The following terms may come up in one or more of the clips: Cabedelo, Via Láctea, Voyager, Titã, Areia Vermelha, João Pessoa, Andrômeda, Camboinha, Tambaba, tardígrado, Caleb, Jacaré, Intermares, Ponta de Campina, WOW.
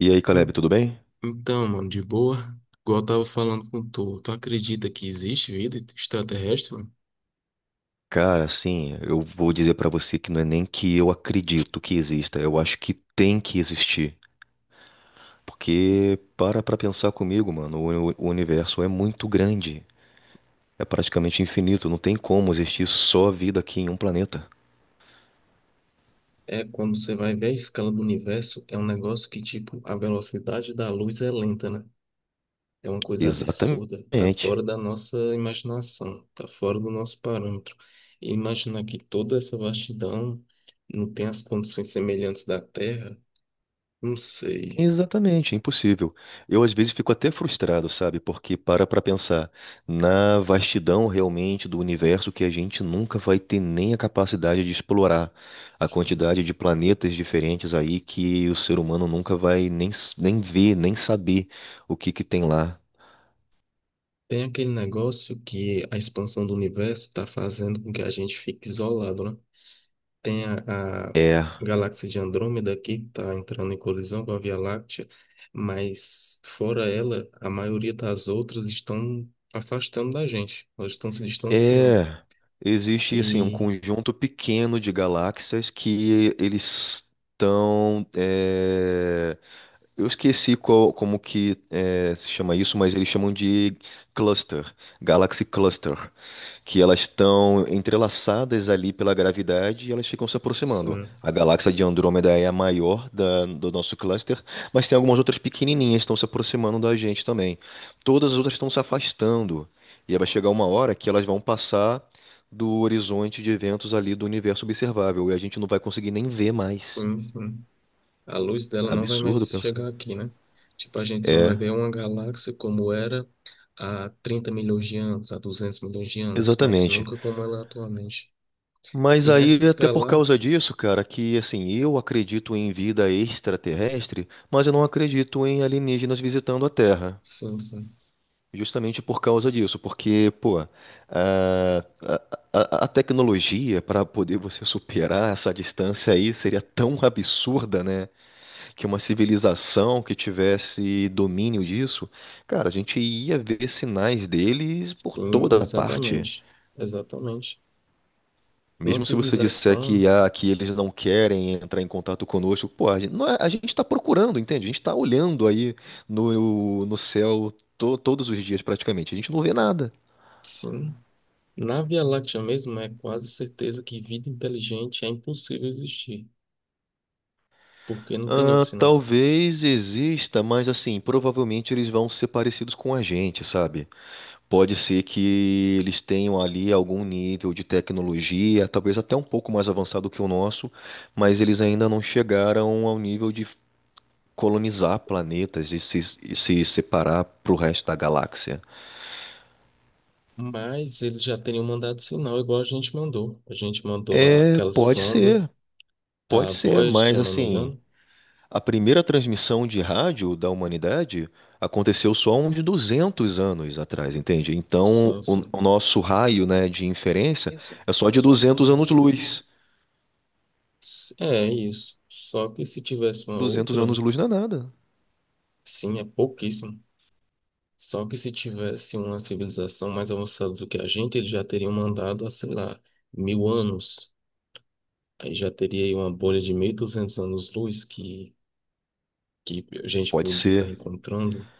E aí, Caleb, En- tudo bem? Então, mano, de boa, igual eu tava falando com tu, tu acredita que existe vida extraterrestre, mano? Cara, assim, eu vou dizer pra você que não é nem que eu acredito que exista, eu acho que tem que existir. Porque para pra pensar comigo, mano, o universo é muito grande, é praticamente infinito, não tem como existir só vida aqui em um planeta. É, quando você vai ver a escala do universo, é um negócio que, tipo, a velocidade da luz é lenta, né? É uma coisa absurda, tá Exatamente. fora da nossa imaginação, tá fora do nosso parâmetro. E imaginar que toda essa vastidão não tem as condições semelhantes da Terra, não sei. Exatamente, é impossível. Eu às vezes fico até frustrado, sabe? Porque para pra pensar na vastidão realmente do universo que a gente nunca vai ter nem a capacidade de explorar, a quantidade de planetas diferentes aí que o ser humano nunca vai nem, nem ver, nem saber o que que tem lá. Tem aquele negócio que a expansão do universo está fazendo com que a gente fique isolado, né? Tem a É. galáxia de Andrômeda aqui, que está entrando em colisão com a Via Láctea, mas fora ela, a maioria das outras estão afastando da gente, elas estão se distanciando. É, existe assim um E conjunto pequeno de galáxias que eles estão. Eu esqueci como que é, se chama isso, mas eles chamam de cluster, Galaxy Cluster, que elas estão entrelaçadas ali pela gravidade e elas ficam se aproximando. sim, A galáxia de Andrômeda é a maior do nosso cluster, mas tem algumas outras pequenininhas que estão se aproximando da gente também. Todas as outras estão se afastando. E aí vai chegar uma hora que elas vão passar do horizonte de eventos ali do universo observável e a gente não vai conseguir nem ver mais. sim, sim. A luz dela não vai Absurdo mais pensando. chegar aqui, né? Tipo, a gente só vai ver uma galáxia como era há 30 milhões de anos, há 200 milhões de anos, mas Exatamente. nunca como ela é atualmente. Mas E aí, nessas até por causa galáxias, disso, cara, que assim, eu acredito em vida extraterrestre, mas eu não acredito em alienígenas visitando a Terra. sim, sim. Justamente por causa disso, porque, pô, a, a tecnologia para poder você superar essa distância aí seria tão absurda, né? Que uma civilização que tivesse domínio disso, cara, a gente ia ver sinais deles por Sim, toda parte. exatamente. Exatamente. Uma Mesmo se você disser civilização, que, ah, que eles não querem entrar em contato conosco, pô, a gente, não é- a gente está procurando, entende? A gente está olhando aí no, no céu todos os dias praticamente. A gente não vê nada. sim. Na Via Láctea mesmo, é quase certeza que vida inteligente é impossível existir, porque não tem nenhum Ah, sinal. talvez exista, mas assim, provavelmente eles vão ser parecidos com a gente, sabe? Pode ser que eles tenham ali algum nível de tecnologia, talvez até um pouco mais avançado que o nosso, mas eles ainda não chegaram ao nível de colonizar planetas e se separar para o resto da galáxia. Mas eles já teriam mandado sinal, igual a gente mandou. A gente mandou É, aquela sonda, pode a ser, Voyager, se mas eu não me assim, engano. a primeira transmissão de rádio da humanidade aconteceu só uns 200 anos atrás, entende? Então, Sim, o, sim. o nosso raio, né, de inferência é só de 200 anos-luz. É isso. Só que se tivesse uma 200 outra, anos-luz não é nada. sim, é pouquíssimo. Só que se tivesse uma civilização mais avançada do que a gente, eles já teriam mandado há, sei lá, 1.000 anos. Aí já teria aí uma bolha de 1.200 anos-luz que a gente Pode podia estar ser. encontrando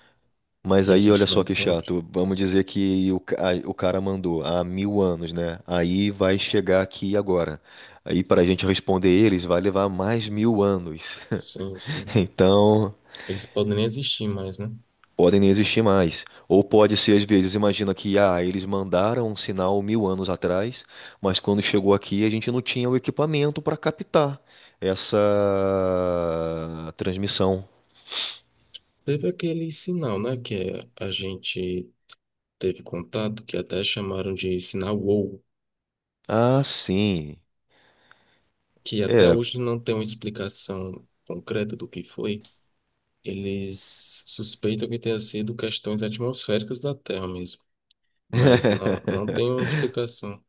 Mas e a aí, olha gente não só que encontra. chato. Vamos dizer que o cara mandou há mil anos, né? Aí vai chegar aqui agora. Aí, para a gente responder eles, vai levar mais mil anos. Sim, sim. Então, Eles podem nem existir mais, né? podem nem existir mais. Ou pode ser, às vezes, imagina que, ah, eles mandaram um sinal mil anos atrás, mas quando chegou aqui, a gente não tinha o equipamento para captar essa transmissão. Teve aquele sinal, né, que a gente teve contato, que até chamaram de sinal WOW, Ah, sim. que até É. hoje não tem uma explicação concreta do que foi. Eles suspeitam que tenha sido questões atmosféricas da Terra mesmo, mas não tem uma explicação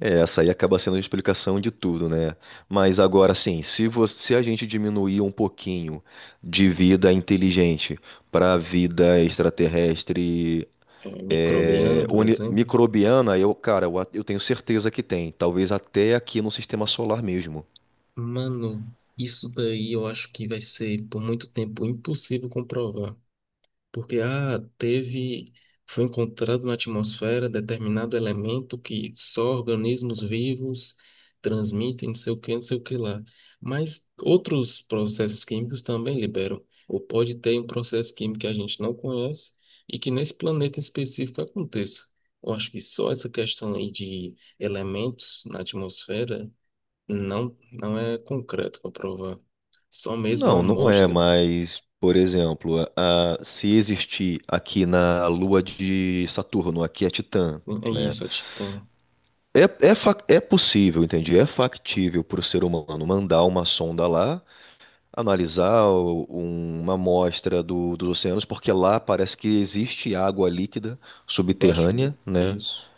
É, essa aí acaba sendo a explicação de tudo, né? Mas agora sim, se a gente diminuir um pouquinho de vida inteligente para vida extraterrestre é, é, microbiana, por exemplo. microbiana, eu, cara, eu, a- eu tenho certeza que tem. Talvez até aqui no sistema solar mesmo. Mano, isso daí eu acho que vai ser por muito tempo impossível comprovar. Porque ah, teve, foi encontrado na atmosfera determinado elemento que só organismos vivos transmitem, não sei o que, não sei o que lá. Mas outros processos químicos também liberam. Ou pode ter um processo químico que a gente não conhece e que nesse planeta específico aconteça. Eu acho que só essa questão aí de elementos na atmosfera não é concreto para provar. Só mesmo uma Não, não é, amostra. mas, por exemplo, se existir aqui na Lua de Saturno, aqui é Titã, É né? isso, a Titã. É, é, é possível, entendi. É factível para o ser humano mandar uma sonda lá, analisar uma amostra dos oceanos, porque lá parece que existe água líquida Debaixo subterrânea, do. né? Isso.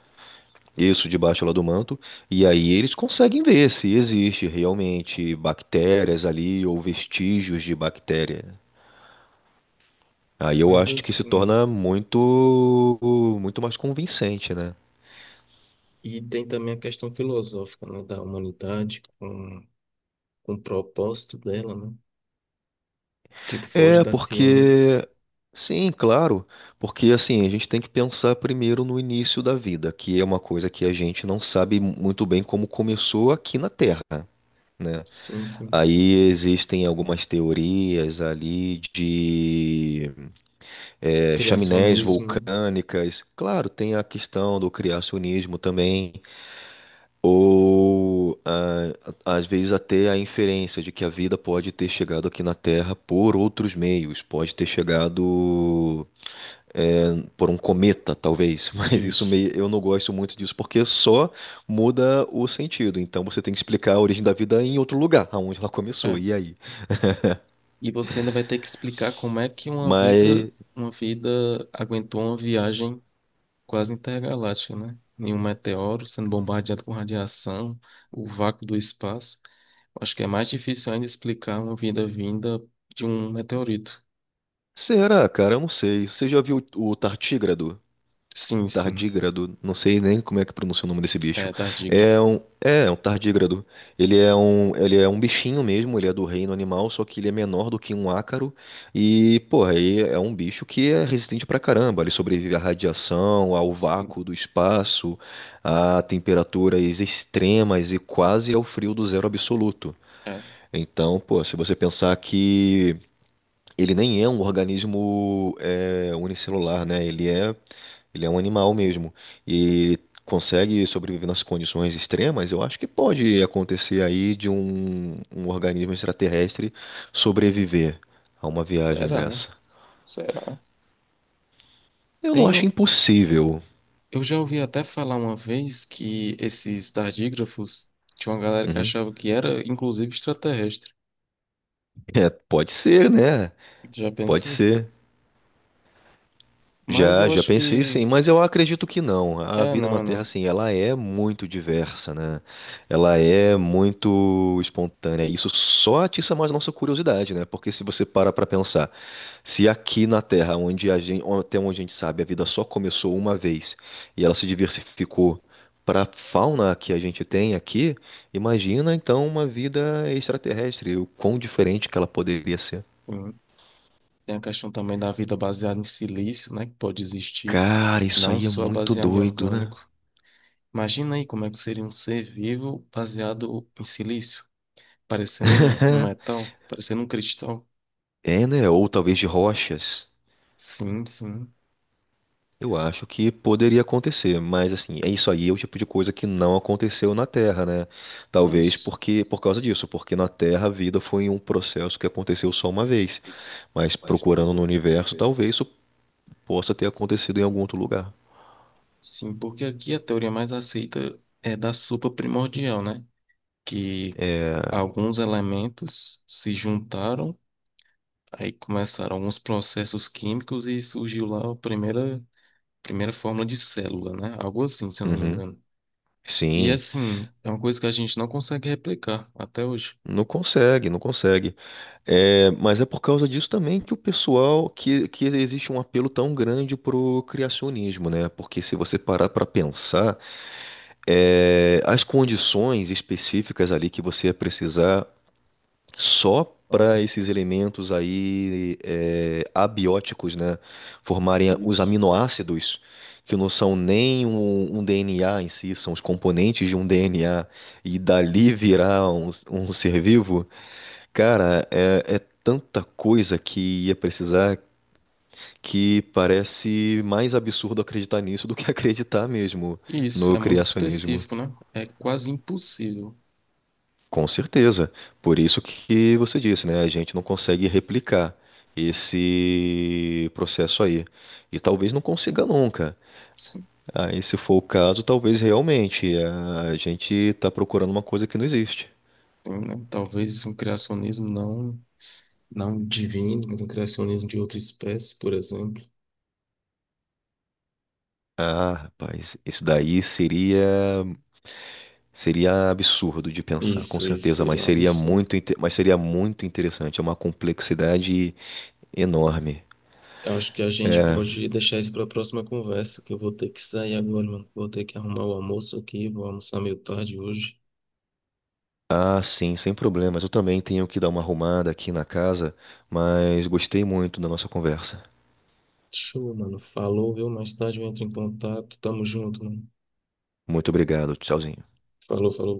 Isso debaixo lá do manto. E aí eles conseguem ver se existe realmente bactérias ali ou vestígios de bactéria. Aí eu Mas acho que se assim. torna muito, muito mais convincente, né? E tem também a questão filosófica, né, da humanidade, com o propósito dela, né? Tipo, foge É, da ciência. porque. Sim, claro. Porque, assim, a gente tem que pensar primeiro no início da vida, que é uma coisa que a gente não sabe muito bem como começou aqui na Terra, né? Sim, sim. Aí existem algumas teorias ali de é, chaminés Criacionismo, né? vulcânicas. Claro, tem a questão do criacionismo também, ou ah, às vezes até a inferência de que a vida pode ter chegado aqui na Terra por outros meios, pode ter chegado é, por um cometa, talvez, mas isso Isso. meio, eu não gosto muito disso porque só muda o sentido. Então você tem que explicar a origem da vida em outro lugar, aonde ela começou, É. e aí? E você ainda vai ter que explicar como é que Mas uma vida aguentou uma viagem quase intergaláctica, né? Nenhum meteoro sendo bombardeado com radiação, o vácuo do espaço. Acho que é mais difícil ainda explicar uma vida vinda de um meteorito. será, cara? Eu não sei. Você já viu o Tartígrado? Sim, sim. Tardígrado, não sei nem como é que pronuncia o nome desse bicho. É, tardígrado. É um, é um tardígrado. Ele é um bichinho mesmo, ele é do reino animal, só que ele é menor do que um ácaro. E, porra, aí é um bicho que é resistente pra caramba. Ele sobrevive à radiação, ao vácuo do espaço, a temperaturas extremas e quase ao frio do zero absoluto. É. Então, pô, se você pensar que ele nem é um organismo é, unicelular, né? Ele é um animal mesmo. E consegue sobreviver nas condições extremas, eu acho que pode acontecer aí de um organismo extraterrestre sobreviver a uma viagem Será? dessa. Será? Eu não acho Tenho. impossível. Eu já ouvi até falar uma vez que esses tardígrafos tinha uma galera que Uhum. achava que era, inclusive, extraterrestre. É, pode ser, né? Já Pode pensou? ser. Mas Já, eu já acho pensei sim, que. mas eu acredito que não. A É, vida não, na é Terra, não. assim, ela é muito diversa, né? Ela é muito espontânea. Isso só atiça mais a nossa curiosidade, né? Porque se você para pra pensar, se aqui na Terra, até onde a gente sabe, a vida só começou uma vez e ela se diversificou para a fauna que a gente tem aqui, imagina então uma vida extraterrestre, o quão diferente que ela poderia ser. Hum. Tem a questão também da vida baseada em silício, né? Que pode existir. Cara, isso Não aí é só muito baseada em doido, né? orgânico. Imagina aí como é que seria um ser vivo baseado em silício, parecendo um metal, parecendo um cristal. É, né? Ou talvez de rochas. Sim, sim. Eu acho que poderia acontecer, mas assim, é isso aí, é o tipo de coisa que não aconteceu na Terra, né? Talvez Isso. porque por causa disso, porque na Terra a vida foi um processo que aconteceu só uma vez, mas procurando no universo, talvez isso possa ter acontecido em algum outro lugar. Sim, porque aqui a teoria mais aceita é da sopa primordial, né? Que É, alguns elementos se juntaram, aí começaram alguns processos químicos e surgiu lá a primeira fórmula de célula, né? Algo assim, se eu não me uhum, engano. E sim, assim, é uma coisa que a gente não consegue replicar até hoje. não consegue, não consegue. É, mas é por causa disso também que o pessoal, que existe um apelo tão grande pro criacionismo, né? Porque se você parar para pensar é, as condições específicas ali que você ia precisar só Ah, para esses elementos aí é, abióticos, né, formarem os isso. aminoácidos, que não são nem um, um DNA em si, são os componentes de um DNA, e dali virar um, um ser vivo, cara, é, é tanta coisa que ia precisar que parece mais absurdo acreditar nisso do que acreditar mesmo Isso, no é muito criacionismo. específico, né? É quase impossível. Com certeza. Por isso que você disse, né? A gente não consegue replicar esse processo aí. E talvez não consiga nunca. Sim, Aí, se for o caso, talvez realmente eh, a gente está procurando uma coisa que não existe. tem, né? Talvez um criacionismo não divino, mas um criacionismo de outra espécie, por exemplo. Ah, rapaz, isso daí seria seria absurdo de pensar, com Isso certeza, seria mas um seria absurdo. muito, mas seria muito interessante. É uma complexidade enorme. Eu acho que a gente É, pode deixar isso para a próxima conversa, que eu vou ter que sair agora, mano. Vou ter que arrumar o almoço aqui, vou almoçar meio tarde hoje. Ah, sim, sem problemas. Eu também tenho que dar uma arrumada aqui na casa, mas gostei muito da nossa conversa. Show, mano. Falou, viu? Mais tarde eu entro em contato. Tamo junto, mano. Muito obrigado. Tchauzinho. Falou, falou.